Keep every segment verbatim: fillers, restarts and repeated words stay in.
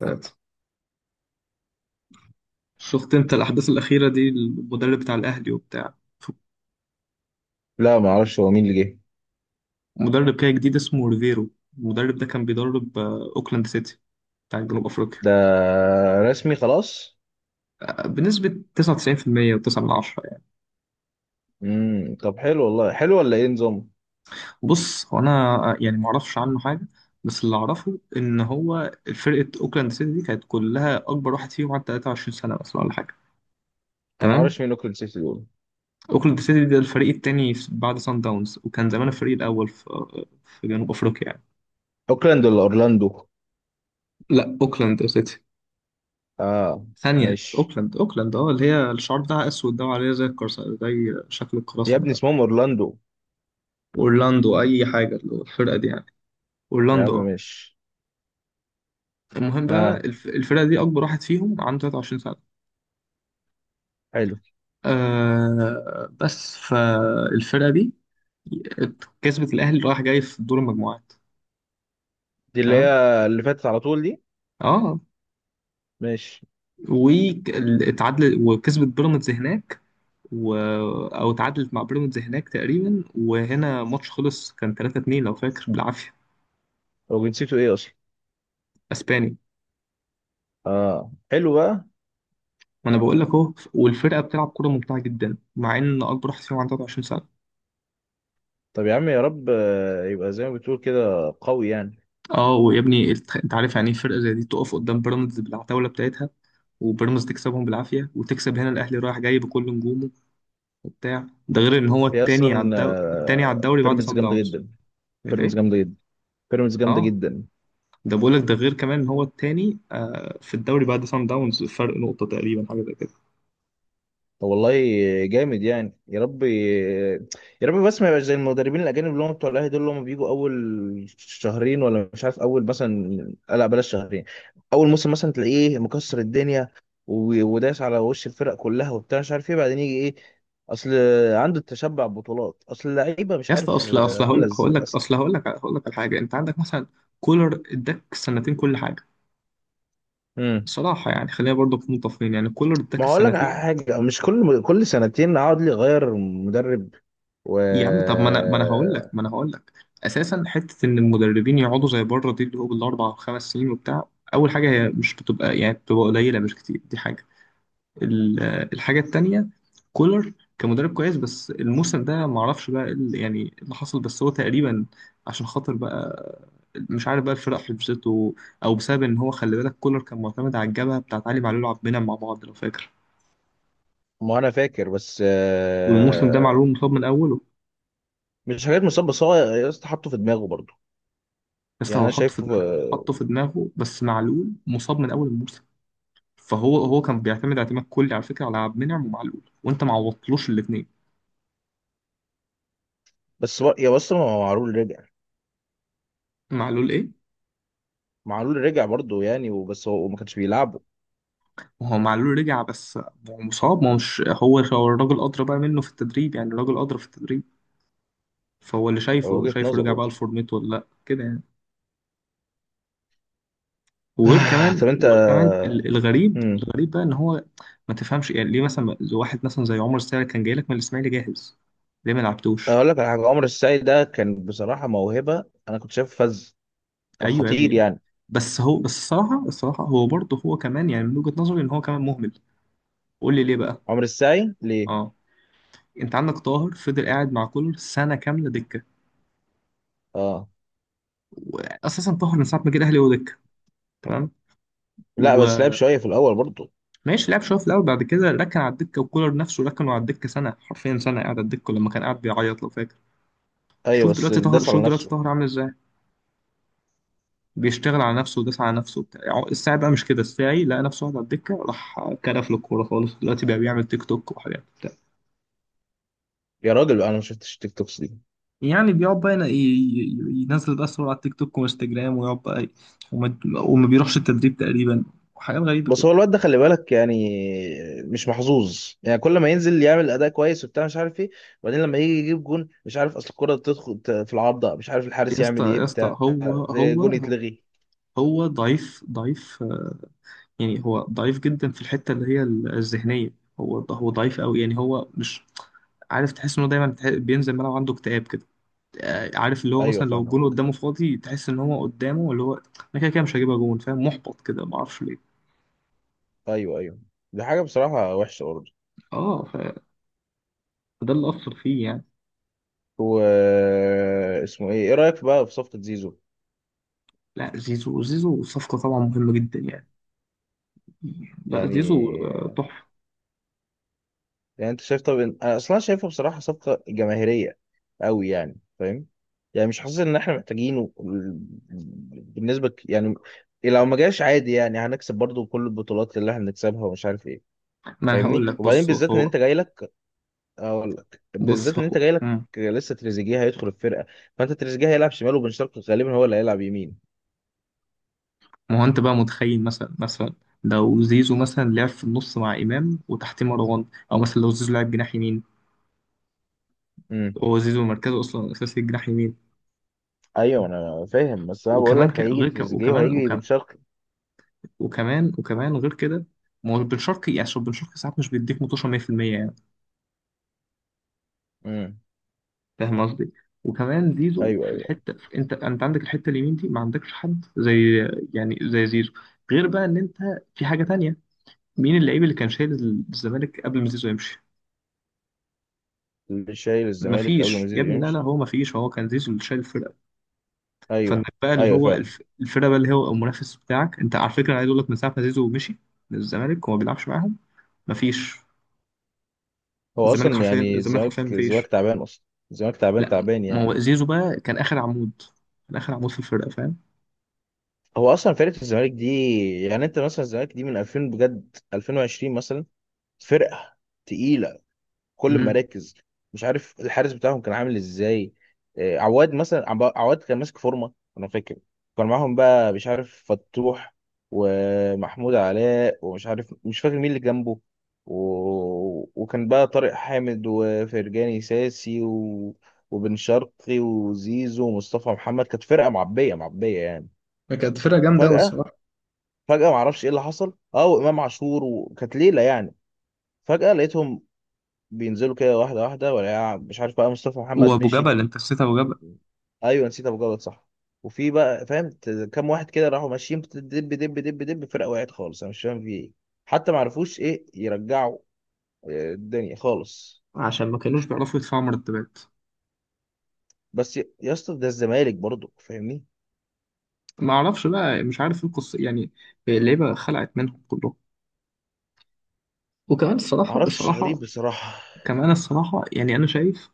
ثلاثة. شفت انت الأحداث الأخيرة دي، المدرب بتاع الأهلي وبتاع لا، ما اعرفش هو مين اللي جه. مدرب كده جديد اسمه ريفيرو. المدرب ده كان بيدرب آه، أوكلاند سيتي بتاع جنوب أفريقيا. ده رسمي خلاص؟ آه، بنسبة تسعة وتسعين بالمية و9 من عشرة يعني. امم طب حلو والله، حلو ولا ايه نظام؟ بص، هو أنا آه، يعني معرفش عنه حاجة، بس اللي أعرفه إن هو فرقة أوكلاند سيتي دي كانت كلها أكبر واحد فيهم عنده تلاتة وعشرين سنة مثلا ولا حاجة. انا ما تمام. اعرفش مين اوكلاند سيتي دول. أوكلاند سيتي ده الفريق التاني بعد سان داونز، وكان زمان الفريق الأول في آه، في جنوب أفريقيا يعني. اوكلاند ولا اورلاندو؟ لا، أوكلاند سيتي. اه، ثانية، ماشي. اوكلاند اوكلاند اه، اللي هي الشعار بتاعها اسود ده وعليه زي الكرس، زي شكل يا القراصنة ابني ده. اسمهم اورلاندو. اورلاندو اي حاجة، اللي هو الفرقة دي يعني. يا عم، اورلاندو اه. ماشي. المهم بقى اه، الف- الفرقة دي اكبر واحد فيهم عنده ثلاثة وعشرين سنة. حلو. آه بس فالفرقة دي كسبت الاهلي رايح جاي في دور المجموعات. دي اللي هي تمام. اللي فاتت على طول دي. اه، ماشي. واتعادل وكسبت بيراميدز هناك و... او اتعادلت مع بيراميدز هناك تقريبا، وهنا ماتش خلص كان تلاتة اتنين لو فاكر بالعافية. هو جنسيته ايه اصلا؟ اسبانيا. اه، حلو بقى. ما انا بقول لك اهو، والفرقه بتلعب كوره ممتعه جدا مع ان اكبر واحد فيهم عنده تلاتة وعشرين سنه. طب يا عم، يا رب آه، يبقى زي ما بتقول كده قوي يعني. اه، ويا ابني الت- انت عارف يعني ايه فرقه زي دي تقف قدام بيراميدز بالعتاوله بتاعتها، وبيراميدز تكسبهم بالعافيه، وتكسب هنا الاهلي رايح جاي بكل نجومه وبتاع ده، غير ان هو هي التاني على اصلا الدو... التاني على آه، الدوري بعد بيراميدز سان جامده داونز. جدا. بيراميدز ليه؟ جامده جدا. بيراميدز جامده اه، جدا. ده بقول لك ده غير كمان ان هو التاني آه في الدوري بعد سان داونز، فرق نقطه تقريبا، حاجه زي كده. طب والله، جامد يعني، يا رب يا رب، بس ما يبقاش زي المدربين الاجانب اللي هم بتوع الاهلي دول، اللي هم بيجوا اول شهرين ولا مش عارف، اول مثلا، آه، لا بلاش شهرين، اول موسم مثلا تلاقيه، إيه، مكسر الدنيا و- وداس على وش الفرق كلها، وبتاع مش عارف ايه، بعدين يجي ايه؟ اصل عنده التشبع بطولات، اصل اللعيبه مش يا اسطى، عارف اصل آه، اصل عامله هقول ازاي هقول لك اصلا. اصل هقول لك هقول لك على حاجه. انت عندك مثلا كولر اداك سنتين كل حاجه. بصراحة يعني خلينا برضو نكون متفقين، يعني كولر اداك ما هقول لك على السنتين. حاجه، مش كل كل سنتين اقعد لي اغير مدرب. و يا عم، طب ما انا ما انا هقول لك ما انا هقول لك، اساسا حتة ان المدربين يقعدوا زي بره دي اللي هو بالاربع وخمس سنين وبتاع، اول حاجة، هي مش بتبقى يعني، بتبقى قليلة مش كتير دي حاجة. ال- الحاجة التانية، كولر كمدرب كويس، بس الموسم ده ما اعرفش بقى إيه اللي- يعني إيه اللي حصل. بس هو تقريبا عشان خاطر بقى، مش عارف بقى الفرق حبسته، او بسبب ان هو، خلي بالك، كولر كان معتمد على الجبهة بتاعت علي معلول وعبد المنعم مع بعض لو فاكر. ما انا فاكر بس والموسم ده آه، معلول مصاب من اوله. مش حاجات مصاب، بس هو يا اسطى حاطه في دماغه برضه. لسه يعني هو انا حطه في شايفه دماغه، آه، حطه في دماغه، بس معلول مصاب من اول الموسم. فهو هو كان بيعتمد اعتماد كلي على فكره، على عبد المنعم ومعلول، وانت ما عوضتلوش الاثنين. بس بر- يا بس، ما هو معلول رجع. معلول ايه؟ معلول رجع برضه يعني، وبس هو ما كانش بيلعبه. وهو معلول رجع بس. هو مصاب، ما هو مش، هو هو الراجل ادرى بقى منه في التدريب، يعني الراجل ادرى في التدريب. فهو اللي هو شايفه، وجهة شايفه نظر رجع برضه. بقى لفورمته ولا لا كده يعني. وغير طب كمان، انت، وغير كمان، ال- الغريب، مم. الغريب بقى ان هو ما تفهمش يعني ليه مثلا واحد مثلا زي عمر السعد كان جاي لك من الاسماعيلي جاهز، ليه ما لعبتوش؟ اقول لك على حاجه، عمر السعي ده كان بصراحه موهبه، انا كنت شايفه فذ، كان ايوه يا خطير ابني، يعني. بس هو، بس الصراحه، الصراحه هو برضه هو كمان يعني، من وجهه نظري ان هو كمان مهمل. قول لي ليه بقى. عمر السعي ليه؟ اه، انت عندك طاهر فضل قاعد مع كولر سنه كامله دكه. اه. واساسا طاهر من ساعه ما جه الاهلي هو دكه. تمام. لا، بس لعب وماشي، شويه في الاول برضه. لعب شويه في الاول، بعد كده ركن على الدكه، وكولر نفسه ركنه على الدكه سنه، حرفيا سنه قاعد على الدكه، لما كان قاعد بيعيط لو فاكر. ايوه شوف بس دلوقتي طاهر، داس شوف على دلوقتي نفسه. طاهر عامل ازاي، بيشتغل على نفسه، وداس على نفسه وبتاع. الساعي بقى مش كده، الساعي لقى نفسه قاعد على الدكه، راح كرف له الكوره خالص. دلوقتي بقى بيعمل تيك توك وحاجات. يا راجل انا ما شفتش تيك توكس دي. يعني بيقعد بقى ين- ي- ي- ينزل بقى صور على التيك توك وانستجرام، ويقعد بقى ي- وما, وما بيروحش التدريب تقريبا، وحاجات غريبة بس كده. هو الواد ده خلي بالك يعني، مش محظوظ يعني، كل ما ينزل يعمل اداء كويس وبتاع مش عارف ايه، وبعدين لما يجي يجيب جون مش عارف اصل الكرة تدخل ت- في العارضة، مش عارف يا الحارس اسطى، يعمل ايه، يا اسطى، بتاع هو جون هو يتلغي. هو ضعيف، ضعيف، آه، يعني هو ضعيف جدا في الحتة اللي هي ال- الذهنية. هو هو ضعيف قوي، يعني هو مش عارف، تحس انه دايما تح- بينزل الملعب عنده اكتئاب كده. آه، عارف اللي هو ايوه، مثلا لو فاهمه. الجون قدامه فاضي تحس ان هو قدامه اللي هو، انا كده كده مش هجيبها جون، فاهم؟ محبط كده ما اعرفش ليه. ايوه، ايوه، دي حاجه بصراحه وحشه برضه. اه، فده اللي اثر فيه يعني. و اسمه ايه، ايه رايك بقى في صفقه زيزو؟ لا، زيزو، زيزو صفقة طبعا مهمة جدا يعني. لا، يعني زيزو آه، تحفة. يعني انت شايف طب، إن- انا اصلا شايفه بصراحه صفقه جماهيريه قوي يعني، فاهم؟ يعني مش حاسس ان احنا محتاجينه ال- بالنسبه ك- يعني، لو ما جاش عادي يعني هنكسب برضو كل البطولات اللي احنا بنكسبها ومش عارف ايه. ما أنا هقول فاهمني؟ لك، وبعدين بص بالذات ان هو انت جاي لك، اقول لك بالذات بص ان انت هو جاي لك مم. لسه تريزيجيه هيدخل الفرقه. فانت تريزيجيه هيلعب شمال، وبن شرقي غالبا هو اللي هيلعب يمين. ما هو أنت بقى متخيل مثلا، مثلا لو زيزو مثلا لعب في النص مع إمام وتحتيه مروان، أو مثلا لو زيزو لعب جناح يمين. امم هو زيزو مركزه أصلا أساسي جناح يمين. ايوه انا فاهم، بس انا بقول وكمان لك ك... هيجي غير ك... تريزيجيه وكمان وهيجي بن وكمان شرقي. وكمان وكمان غير كده. ما هو بن شرقي يعني، عشان بن شرقي ساعات مش بيديك متوشة مية بالمية يعني. امم فاهم قصدي؟ وكمان زيزو ايوه، في ايوه، الحته، في، انت انت عندك الحته اليمين دي ما عندكش حد زي، يعني زي زيزو. غير بقى ان انت في حاجه تانية، مين اللعيب اللي كان شايل الزمالك قبل ما زيزو يمشي؟ اللي شايل الزمالك قبل ما مفيش يا زيزو ابني، لا لا، يمشي. هو مفيش، هو كان زيزو اللي شايل الفرقه. فانك ايوه، بقى اللي ايوه هو فعلا. الف... الفرقه بقى اللي هو المنافس بتاعك، انت على فكره أنا عايز اقول لك من ساعه ما زيزو مشي من الزمالك وما بيلعبش معاهم، مفيش. هو الزمالك اصلا حرفيا، يعني الزمالك الزمالك حرفيا الزمالك مفيش. تعبان اصلا. الزمالك تعبان لا، تعبان ما يعني. هو زيزو بقى كان اخر عمود، كان اخر عمود في الفرقه، فاهم؟ هو اصلا فرقه الزمالك دي، يعني انت مثلا الزمالك دي من ألفين، بجد ألفين وعشرين مثلا، فرقه تقيله، كل ما مم. ركز مش عارف الحارس بتاعهم كان عامل ازاي. آه، عواد مثلا، عب- عواد كان ماسك فورمه انا فاكر، كان معاهم بقى مش عارف فتوح، ومحمود علاء، ومش عارف مش فاكر مين اللي جنبه، و... وكان بقى طارق حامد، وفرجاني ساسي، و... وبن شرقي، وزيزو، ومصطفى محمد، كانت فرقه معبيه معبيه يعني. كانت فرقة جامدة أوي فجاه، الصراحة. فجاه معرفش ايه اللي حصل، اه وامام عاشور، وكانت ليله يعني، فجاه لقيتهم بينزلوا كده واحدة واحدة، ولا مش عارف بقى مصطفى محمد وابو مشي. جبل، انت نسيت ابو جبل. ايوه نسيت ابو جلال، صح. وفي بقى فاهم ت- كام واحد كده راحوا ماشيين، دب دب دب دب، فرقه وقعت خالص، انا مش فاهم في ايه، حتى ما عرفوش ايه يرجعوا آه، الدنيا خالص. عشان ما كانوش بيعرفوا يدفعوا مرتبات. بس يا يا اسطى، ده الزمالك برضو، فاهمني؟ ما اعرفش بقى، مش عارف ايه القصه يعني، اللعيبه خلعت منهم كلهم. وكمان الصراحه، معرفش، غريب الصراحه بصراحه. كمان الصراحه، يعني انا شايف،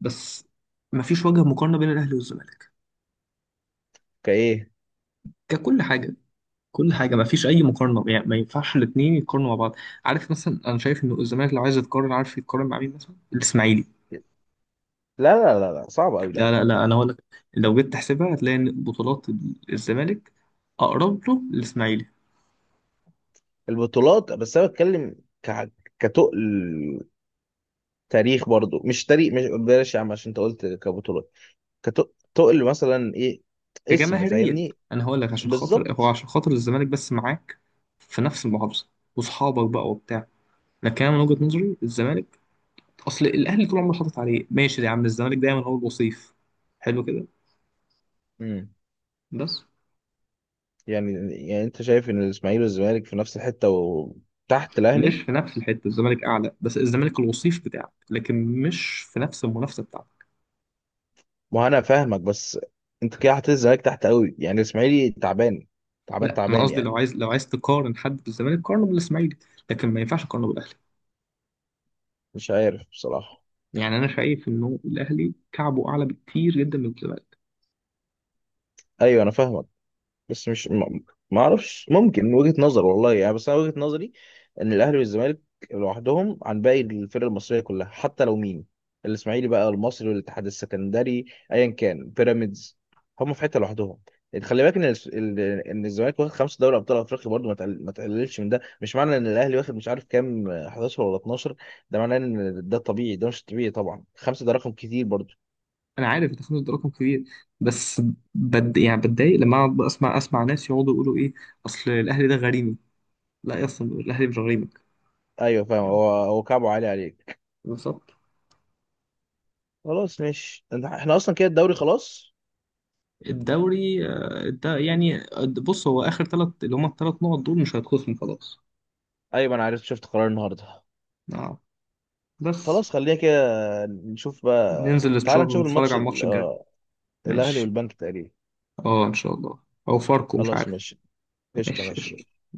بس ما فيش وجه مقارنه بين الاهلي والزمالك كايه. ككل حاجه، كل حاجه ما فيش اي مقارنه، يعني ما ينفعش الاثنين يتقارنوا مع بعض. عارف مثلا، انا شايف ان الزمالك لو عايز يتقارن، عارف يتقارن مع مين؟ مثلا الاسماعيلي. لا لا لا لا، صعب قوي، لا. لا لا لا، انا هقول لك. لو جيت تحسبها هتلاقي ان بطولات الزمالك اقرب له للاسماعيلي، البطولات بس انا بتكلم، ك كتقل تاريخ برضو، مش تاريخ، مش بلاش يا عم، عشان انت قلت كبطولات، كتقل مثلا ايه، اسم، كجماهيرية. فاهمني؟ أنا هقول لك، عشان خاطر هو بالظبط. عشان خاطر الزمالك بس معاك في نفس المحافظة، وصحابك بقى وبتاع، لكن أنا من وجهة نظري الزمالك، أصل الأهلي طول عمره حاطط عليه، ماشي يا عم، الزمالك دايما هو الوصيف. حلو كده، امم بس. يعني يعني انت شايف ان الاسماعيلي والزمالك في نفس الحته وتحت الاهلي؟ مش في نفس الحتة، الزمالك أعلى، بس الزمالك الوصيف بتاعك لكن مش في نفس المنافسة بتاعتك. ما هو انا فاهمك بس، انت كده حاطط الزمالك تحت قوي يعني، الاسماعيلي تعبان تعبان لا، أنا تعبان قصدي يعني. لو عايز لو عايز تقارن حد بالزمالك قارنه بالإسماعيلي، لكن ما ينفعش تقارنه بالأهلي. مش عارف بصراحه. يعني أنا شايف إنه الأهلي كعبه أعلى بكتير جدا من الزمالك. ايوه انا فاهمك، بس مش، ما ما اعرفش ممكن من وجهة نظر والله يعني، بس انا وجهة نظري ان الاهلي والزمالك لوحدهم عن باقي الفرق المصريه كلها، حتى لو مين الاسماعيلي بقى، المصري، والاتحاد السكندري، ايا كان بيراميدز، هم في حته لوحدهم. يعني خلي بالك ان الس- ال- ان الزمالك واخد خمسه دوري ابطال افريقيا برضه، ما تقل- ما تقللش من ده، مش معنى ان الاهلي واخد مش عارف كام إحداشر ولا اتناشر، ده معناه ان ده طبيعي، ده مش طبيعي طبعا، خمسه ده رقم كتير برضه. انا عارف التخلف ده رقم كبير، بس بد يعني، بتضايق لما اقعد بقى اسمع اسمع ناس يقعدوا يقولوا ايه، اصل الاهلي ده غريمي. لا يا، اصلا الاهلي مش غريمك، ايوه فاهم، يعني هو هو كعبه عالي عليك. بالظبط. خلاص ماشي، إنت- احنا اصلا كده الدوري خلاص. الدوري آه، ده يعني آه، بص هو اخر ثلاث، اللي هم الثلاث نقط دول، مش هيتخصموا خلاص. ايوه انا عرفت، شفت قرار النهارده. نعم، بس. خلاص خلينا كده، نشوف بقى. ننزل تعال نتشر- نشوف نتفرج الماتش على ال- الماتش الجاي. آه، الاهلي ماشي، والبنك تقريبا. اه ان شاء الله، او فاركو مش خلاص، عارف. ماشي قشطه، ماشي ماشي. قشطة.